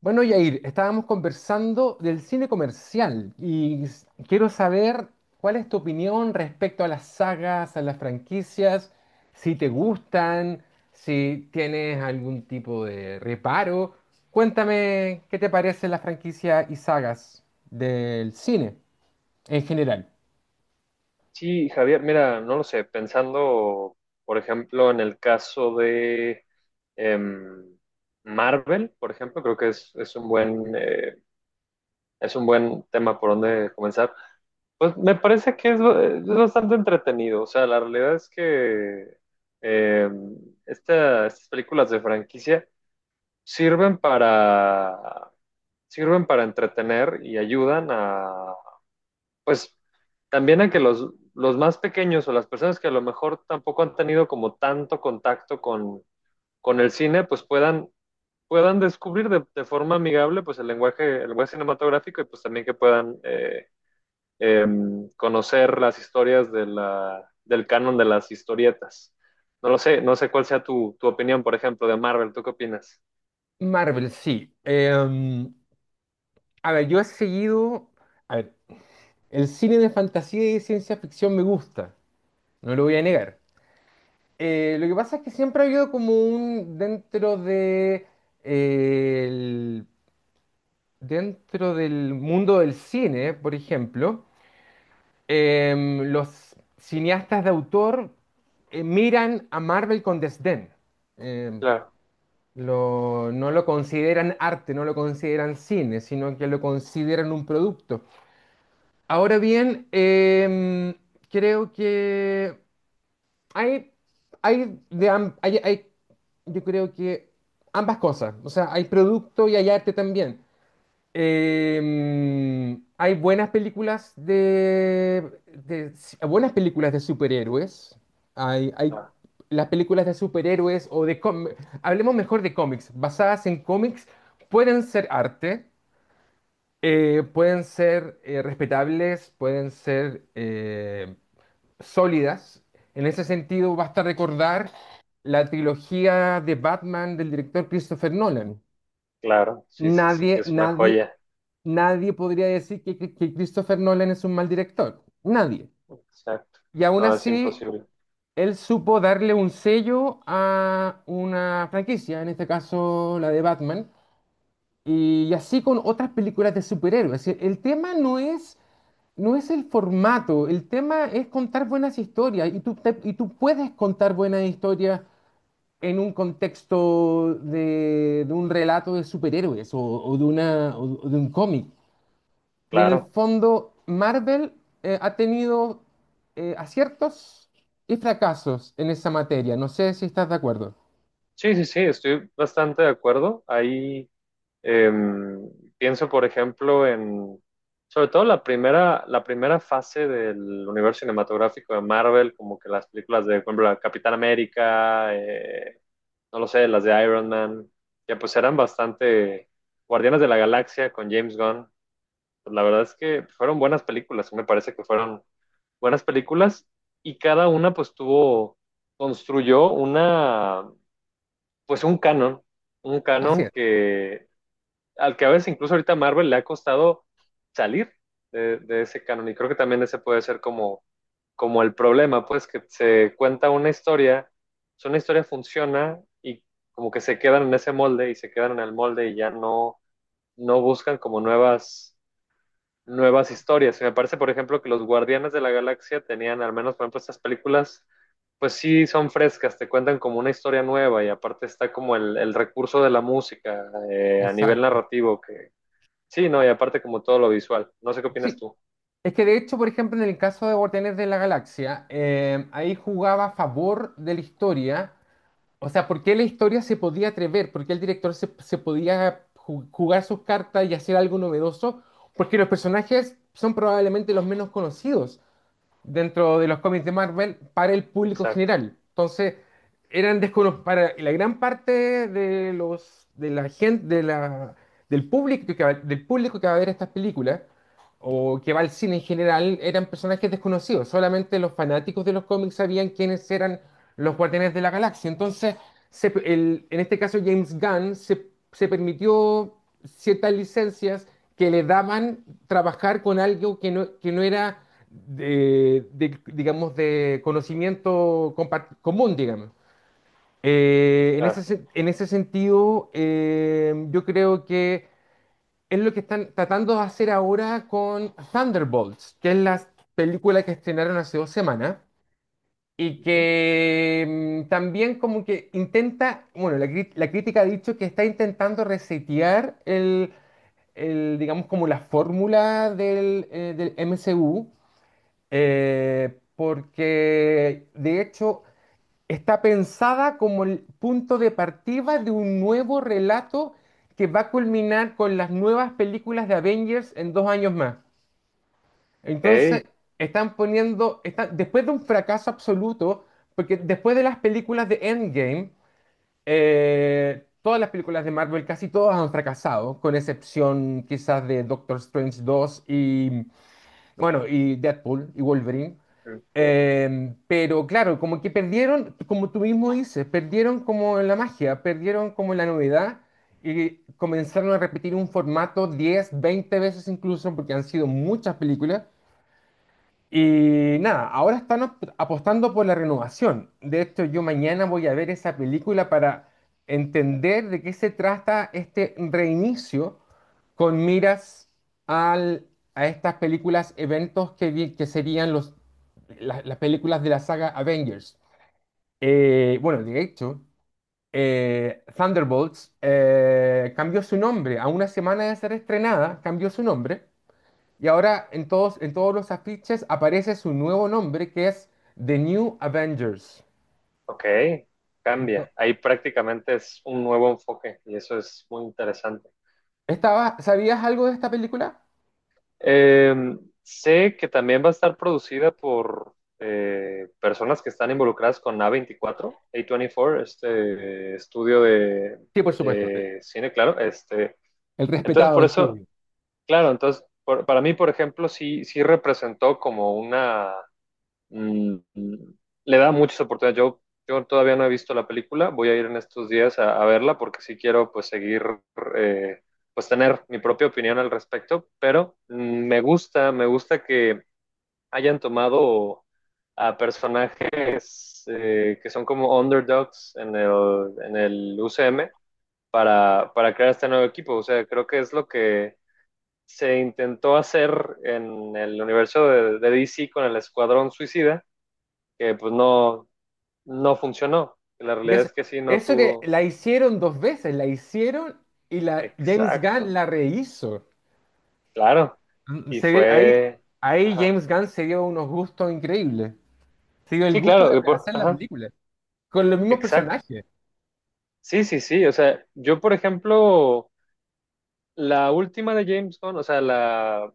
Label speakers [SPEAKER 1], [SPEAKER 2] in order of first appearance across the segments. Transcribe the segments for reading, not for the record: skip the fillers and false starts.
[SPEAKER 1] Bueno, Yair, estábamos conversando del cine comercial y quiero saber cuál es tu opinión respecto a las sagas, a las franquicias, si te gustan, si tienes algún tipo de reparo. Cuéntame qué te parecen las franquicias y sagas del cine en general.
[SPEAKER 2] Sí, Javier, mira, no lo sé, pensando, por ejemplo, en el caso de em, Marvel, por ejemplo, creo que es un buen tema por donde comenzar. Pues me parece que es bastante entretenido, o sea, la realidad es que em, estas películas de franquicia sirven para, sirven para entretener y ayudan pues también a que los más pequeños o las personas que a lo mejor tampoco han tenido como tanto contacto con el cine, pues puedan descubrir de forma amigable pues el lenguaje cinematográfico y pues también que puedan eh, conocer las historias de del canon de las historietas. No lo sé, no sé cuál sea tu opinión, por ejemplo, de Marvel. ¿Tú qué opinas?
[SPEAKER 1] Marvel, sí. A ver, yo he seguido... A ver, el cine de fantasía y de ciencia ficción me gusta, no lo voy a
[SPEAKER 2] Ujú.
[SPEAKER 1] negar. Lo que pasa es que siempre ha habido como un dentro de eh, el- dentro del mundo del cine, por ejemplo, los cineastas de autor miran a Marvel con desdén. Em,
[SPEAKER 2] Claro.
[SPEAKER 1] no lo consideran arte, no lo consideran cine, sino que lo consideran un producto. Ahora bien, creo que Hay, hay, de, am- hay- yo creo que ambas cosas. O sea, hay producto y hay arte también. Hay buenas películas si, buenas películas de superhéroes. Hay
[SPEAKER 2] Ah,
[SPEAKER 1] las películas de superhéroes o de hablemos mejor de cómics, basadas en cómics, pueden ser arte, pueden ser respetables, pueden ser sólidas. En ese sentido, basta recordar la trilogía de Batman del director Christopher Nolan.
[SPEAKER 2] claro, sí, sí, sí, que
[SPEAKER 1] Nadie,
[SPEAKER 2] es una
[SPEAKER 1] nadie,
[SPEAKER 2] joya.
[SPEAKER 1] nadie podría decir que, que Christopher Nolan es un mal director. Nadie.
[SPEAKER 2] Exacto.
[SPEAKER 1] Y aún
[SPEAKER 2] No, es
[SPEAKER 1] así,
[SPEAKER 2] imposible.
[SPEAKER 1] él supo darle un sello a una franquicia, en este caso la de Batman, y así con otras películas de superhéroes. Es decir, el tema no es, no es el formato, el tema es contar buenas historias, y tú, y tú puedes contar buenas historias en un contexto de un relato de superhéroes o de una, o de un cómic. Y en el
[SPEAKER 2] Claro.
[SPEAKER 1] fondo, Marvel ha tenido aciertos y fracasos en esa materia. No sé si estás de acuerdo.
[SPEAKER 2] Sí, sí, sí, estoy bastante de acuerdo. Ahí em, pienso, por ejemplo, en sobre todo la primera fase del universo cinematográfico de Marvel, como que las películas de, por ejemplo, la Capitán América, no lo sé, las de Iron Man, ya pues eran bastante Guardianes de la Galaxia con James Gunn. Pues, la verdad es que fueron buenas películas, me parece que fueron buenas películas y cada una pues construyó una pues un canon, un
[SPEAKER 1] Así
[SPEAKER 2] canon
[SPEAKER 1] es,
[SPEAKER 2] que al que a veces incluso ahorita Marvel le ha costado salir de ese canon y creo que también ese puede ser como el problema, pues que se cuenta una historia, si una historia funciona y como que se quedan en ese molde y se quedan en el molde y ya no, no buscan como nuevas historias. Y me parece, por ejemplo, que los Guardianes de la Galaxia tenían al menos, por ejemplo, estas películas pues sí son frescas, te cuentan como una historia nueva y aparte está como el recurso de la música a nivel
[SPEAKER 1] exacto.
[SPEAKER 2] narrativo que sí, no, y aparte como todo lo visual. No sé qué opinas
[SPEAKER 1] Sí,
[SPEAKER 2] tú.
[SPEAKER 1] es que de hecho, por ejemplo, en el caso de Guardianes de la Galaxia, ahí jugaba a favor de la historia. O sea, ¿por qué la historia se podía atrever? ¿Por qué el director se, se podía jugar sus cartas y hacer algo novedoso? Porque los personajes son probablemente los menos conocidos dentro de los cómics de Marvel para el público
[SPEAKER 2] Exacto,
[SPEAKER 1] general. Entonces, eran desconocidos para la gran parte de los de la gente de la, del público que va, del público que va a ver estas películas o que va al cine en general, eran personajes desconocidos. Solamente los fanáticos de los cómics sabían quiénes eran los Guardianes de la Galaxia. Entonces, en este caso James Gunn se, se permitió ciertas licencias que le daban trabajar con algo que no era de, digamos, de conocimiento común, digamos.
[SPEAKER 2] claro.
[SPEAKER 1] En ese sentido, yo creo que es lo que están tratando de hacer ahora con Thunderbolts, que es la película que estrenaron hace dos semanas y
[SPEAKER 2] Ujú.
[SPEAKER 1] que también como que intenta, bueno, la crítica ha dicho que está intentando resetear digamos, como la fórmula del, del MCU, porque de hecho está pensada como el punto de partida de un nuevo relato que va a culminar con las nuevas películas de Avengers en dos años más. Entonces,
[SPEAKER 2] Ok.
[SPEAKER 1] están poniendo, después de un fracaso absoluto, porque después de las películas de Endgame, todas las películas de Marvel, casi todas han fracasado, con excepción quizás de Doctor Strange dos y bueno, y Deadpool y Wolverine.
[SPEAKER 2] mm,
[SPEAKER 1] Pero claro, como que perdieron, como tú mismo dices, perdieron como la magia, perdieron como la novedad, y comenzaron a repetir un formato 10 20 veces incluso, porque han sido muchas películas. Y nada, ahora están apostando por la renovación. De hecho, yo mañana voy a ver esa película para entender de qué se trata este reinicio con miras al, a estas películas, eventos que, que serían los, las películas de la saga Avengers. Bueno, de hecho, Thunderbolts cambió su nombre. A una semana de ser estrenada, cambió su nombre y ahora en todos los afiches aparece su nuevo nombre, que es The New Avengers.
[SPEAKER 2] ok,
[SPEAKER 1] Ento-
[SPEAKER 2] cambia. Ahí prácticamente es un nuevo enfoque y eso es muy interesante.
[SPEAKER 1] ¿Estaba, ¿sabías algo de esta película?
[SPEAKER 2] Eh, Sé que también va a estar producida por personas que están involucradas con a veinticuatro, A24, este estudio de,
[SPEAKER 1] Sí, por supuesto.
[SPEAKER 2] de cine, claro. Este,
[SPEAKER 1] El
[SPEAKER 2] entonces,
[SPEAKER 1] respetado
[SPEAKER 2] por eso,
[SPEAKER 1] estudio.
[SPEAKER 2] claro, entonces, para mí, por ejemplo, sí, sí representó como una. Mm, Le da muchas oportunidades. Yo todavía no he visto la película, voy a ir en estos días a verla porque sí quiero pues seguir, eh, pues tener mi propia opinión al respecto, pero me gusta que hayan tomado a personajes que son como underdogs en el UCM para crear este nuevo equipo. O sea, creo que es lo que se intentó hacer en el universo de DC con el Escuadrón Suicida que pues no, no funcionó. La
[SPEAKER 1] Y
[SPEAKER 2] realidad
[SPEAKER 1] es-
[SPEAKER 2] es que sí, no
[SPEAKER 1] Eso que
[SPEAKER 2] tuvo.
[SPEAKER 1] la hicieron dos veces, la hicieron y la, James Gunn
[SPEAKER 2] Exacto,
[SPEAKER 1] la rehizo.
[SPEAKER 2] claro.
[SPEAKER 1] Mm,
[SPEAKER 2] Y
[SPEAKER 1] se- ve- ahí,
[SPEAKER 2] fue...
[SPEAKER 1] Ahí
[SPEAKER 2] Ajá.
[SPEAKER 1] James Gunn se dio unos gustos increíbles. Se dio el
[SPEAKER 2] Sí,
[SPEAKER 1] gusto de
[SPEAKER 2] claro.
[SPEAKER 1] rehacer la
[SPEAKER 2] Ajá.
[SPEAKER 1] película con los mismos
[SPEAKER 2] Exacto.
[SPEAKER 1] personajes.
[SPEAKER 2] Sí, sí, sí. O sea, yo, por ejemplo, la última de James Gunn, o sea, la,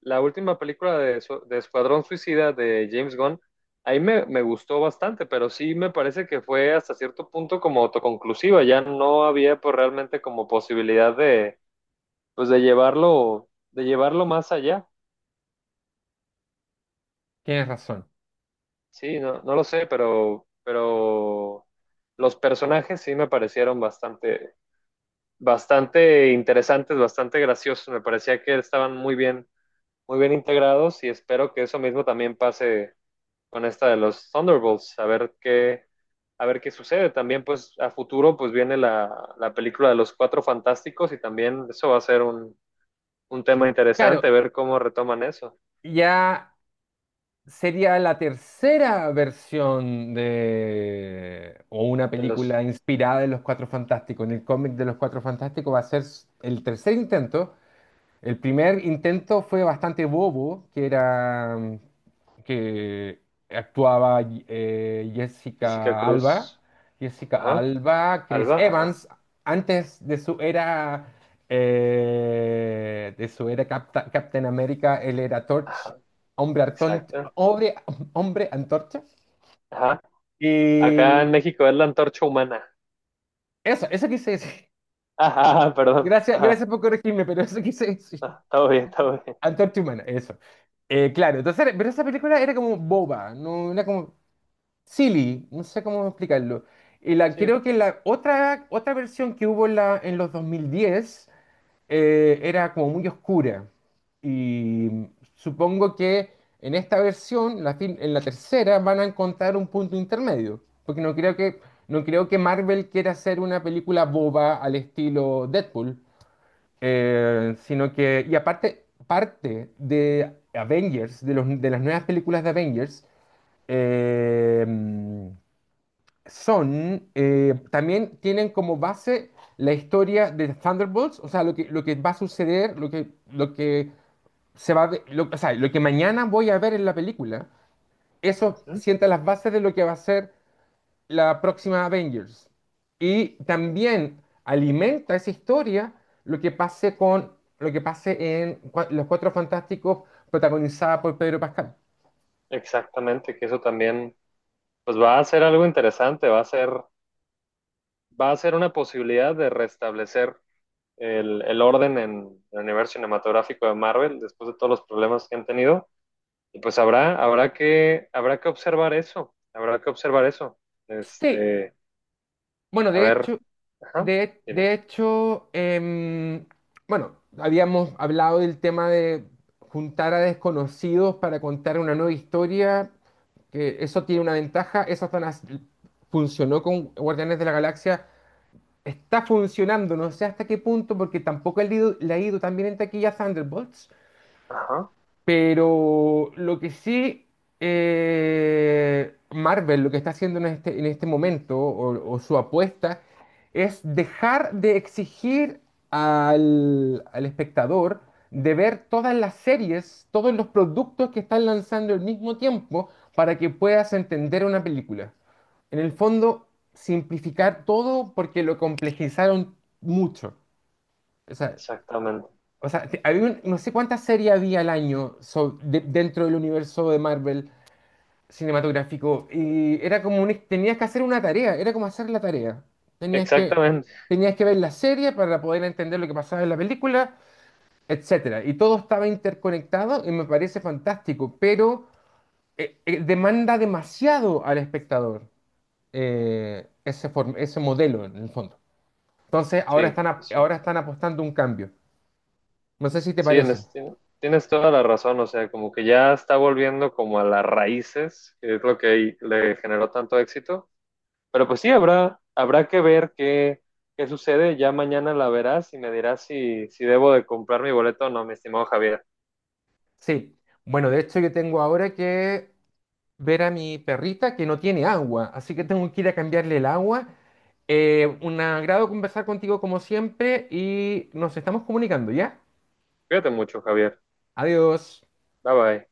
[SPEAKER 2] la última película de Escuadrón Suicida de James Gunn, ahí me gustó bastante, pero sí me parece que fue hasta cierto punto como autoconclusiva. Ya no había pues, realmente como posibilidad de pues de llevarlo, más allá.
[SPEAKER 1] Tienes razón.
[SPEAKER 2] Sí, no, no lo sé, pero los personajes sí me parecieron bastante, bastante interesantes, bastante graciosos. Me parecía que estaban muy bien integrados y espero que eso mismo también pase con esta de los Thunderbolts, a ver qué sucede. También, pues, a futuro, pues viene la película de los Cuatro Fantásticos y también eso va a ser un tema
[SPEAKER 1] Claro,
[SPEAKER 2] interesante, ver cómo retoman eso
[SPEAKER 1] ya sería la tercera versión de, o una
[SPEAKER 2] en los
[SPEAKER 1] película inspirada en Los Cuatro Fantásticos, en el cómic de Los Cuatro Fantásticos, va a ser el tercer intento. El primer intento fue bastante bobo, que era que actuaba
[SPEAKER 2] Jessica
[SPEAKER 1] Jessica Alba,
[SPEAKER 2] Cruz.
[SPEAKER 1] Jessica
[SPEAKER 2] Ajá.
[SPEAKER 1] Alba, Chris
[SPEAKER 2] Alba, ajá.
[SPEAKER 1] Evans, antes de su era Captain America, él era Torch,
[SPEAKER 2] Ajá,
[SPEAKER 1] hombre,
[SPEAKER 2] exacto.
[SPEAKER 1] hombre, hombre antorcha.
[SPEAKER 2] Ajá, acá
[SPEAKER 1] Y
[SPEAKER 2] en México es la antorcha humana.
[SPEAKER 1] eso quise decir.
[SPEAKER 2] Ajá, perdón.
[SPEAKER 1] Gracias,
[SPEAKER 2] Ajá,
[SPEAKER 1] gracias por corregirme, pero eso quise decir.
[SPEAKER 2] ajá, todo bien, todo bien.
[SPEAKER 1] Antorcha Humana, eso. Claro, entonces, pero esa película era como boba, no era como silly, no sé cómo explicarlo. Y la,
[SPEAKER 2] Sí,
[SPEAKER 1] creo que la otra, otra versión que hubo en, la, en los 2010 era como muy oscura. Y supongo que en esta versión, en la tercera, van a encontrar un punto intermedio. Porque no creo que, no creo que Marvel quiera hacer una película boba al estilo Deadpool, sino que, y aparte, parte de Avengers, de, de las nuevas películas de Avengers, eh, son, también tienen como base la historia de Thunderbolts, o sea, lo que va a suceder, lo que se va a ver- lo, o sea, lo que mañana voy a ver en la película, eso
[SPEAKER 2] ujú,
[SPEAKER 1] sienta las bases de lo que va a ser la próxima Avengers. Y también alimenta esa historia lo que pase con lo que pase en Los Cuatro Fantásticos, protagonizada por Pedro Pascal.
[SPEAKER 2] exactamente, que eso también, pues va a ser algo interesante, va a ser una posibilidad de restablecer el orden en el universo cinematográfico de Marvel después de todos los problemas que han tenido. Y pues habrá que observar eso, habrá que observar eso.
[SPEAKER 1] Sí,
[SPEAKER 2] Este,
[SPEAKER 1] bueno,
[SPEAKER 2] a ver, ajá, dime.
[SPEAKER 1] de hecho, bueno, habíamos hablado del tema de juntar a desconocidos para contar una nueva historia, que eso tiene una ventaja, funcionó con Guardianes de la Galaxia. Está funcionando, no sé hasta qué punto, porque tampoco le ha ido, le ha ido tan bien en taquilla a Thunderbolts.
[SPEAKER 2] Ajá.
[SPEAKER 1] Pero lo que sí, Marvel, lo que está haciendo en este momento, o su apuesta, es dejar de exigir al, al espectador de ver todas las series, todos los productos que están lanzando al mismo tiempo para que puedas entender una película. En el fondo, simplificar todo porque lo complejizaron mucho. O sea,
[SPEAKER 2] Exactamente,
[SPEAKER 1] o sea, había no sé cuántas series había al año dentro del universo de Marvel cinematográfico, y era como un, tenías que hacer una tarea, era como hacer la tarea. Tenías que,
[SPEAKER 2] exactamente,
[SPEAKER 1] tenías que ver la serie para poder entender lo que pasaba en la película, etcétera. Y todo estaba interconectado y me parece fantástico, pero demanda demasiado al espectador ese modelo en el fondo. Entonces ahora
[SPEAKER 2] sí,
[SPEAKER 1] están,
[SPEAKER 2] sí,
[SPEAKER 1] ahora están apostando un cambio. No sé si te
[SPEAKER 2] sí,
[SPEAKER 1] parece.
[SPEAKER 2] tienes toda la razón, o sea, como que ya está volviendo como a las raíces, que es lo que le generó tanto éxito, pero pues sí, habrá que ver qué sucede, ya mañana la verás y me dirás si debo de comprar mi boleto o no, mi estimado Javier.
[SPEAKER 1] Sí, bueno, de hecho yo tengo ahora que ver a mi perrita que no tiene agua, así que tengo que ir a cambiarle el agua. Un agrado conversar contigo como siempre y nos estamos comunicando, ¿ya?
[SPEAKER 2] Cuídate mucho, Javier,
[SPEAKER 1] Adiós.
[SPEAKER 2] bye bye.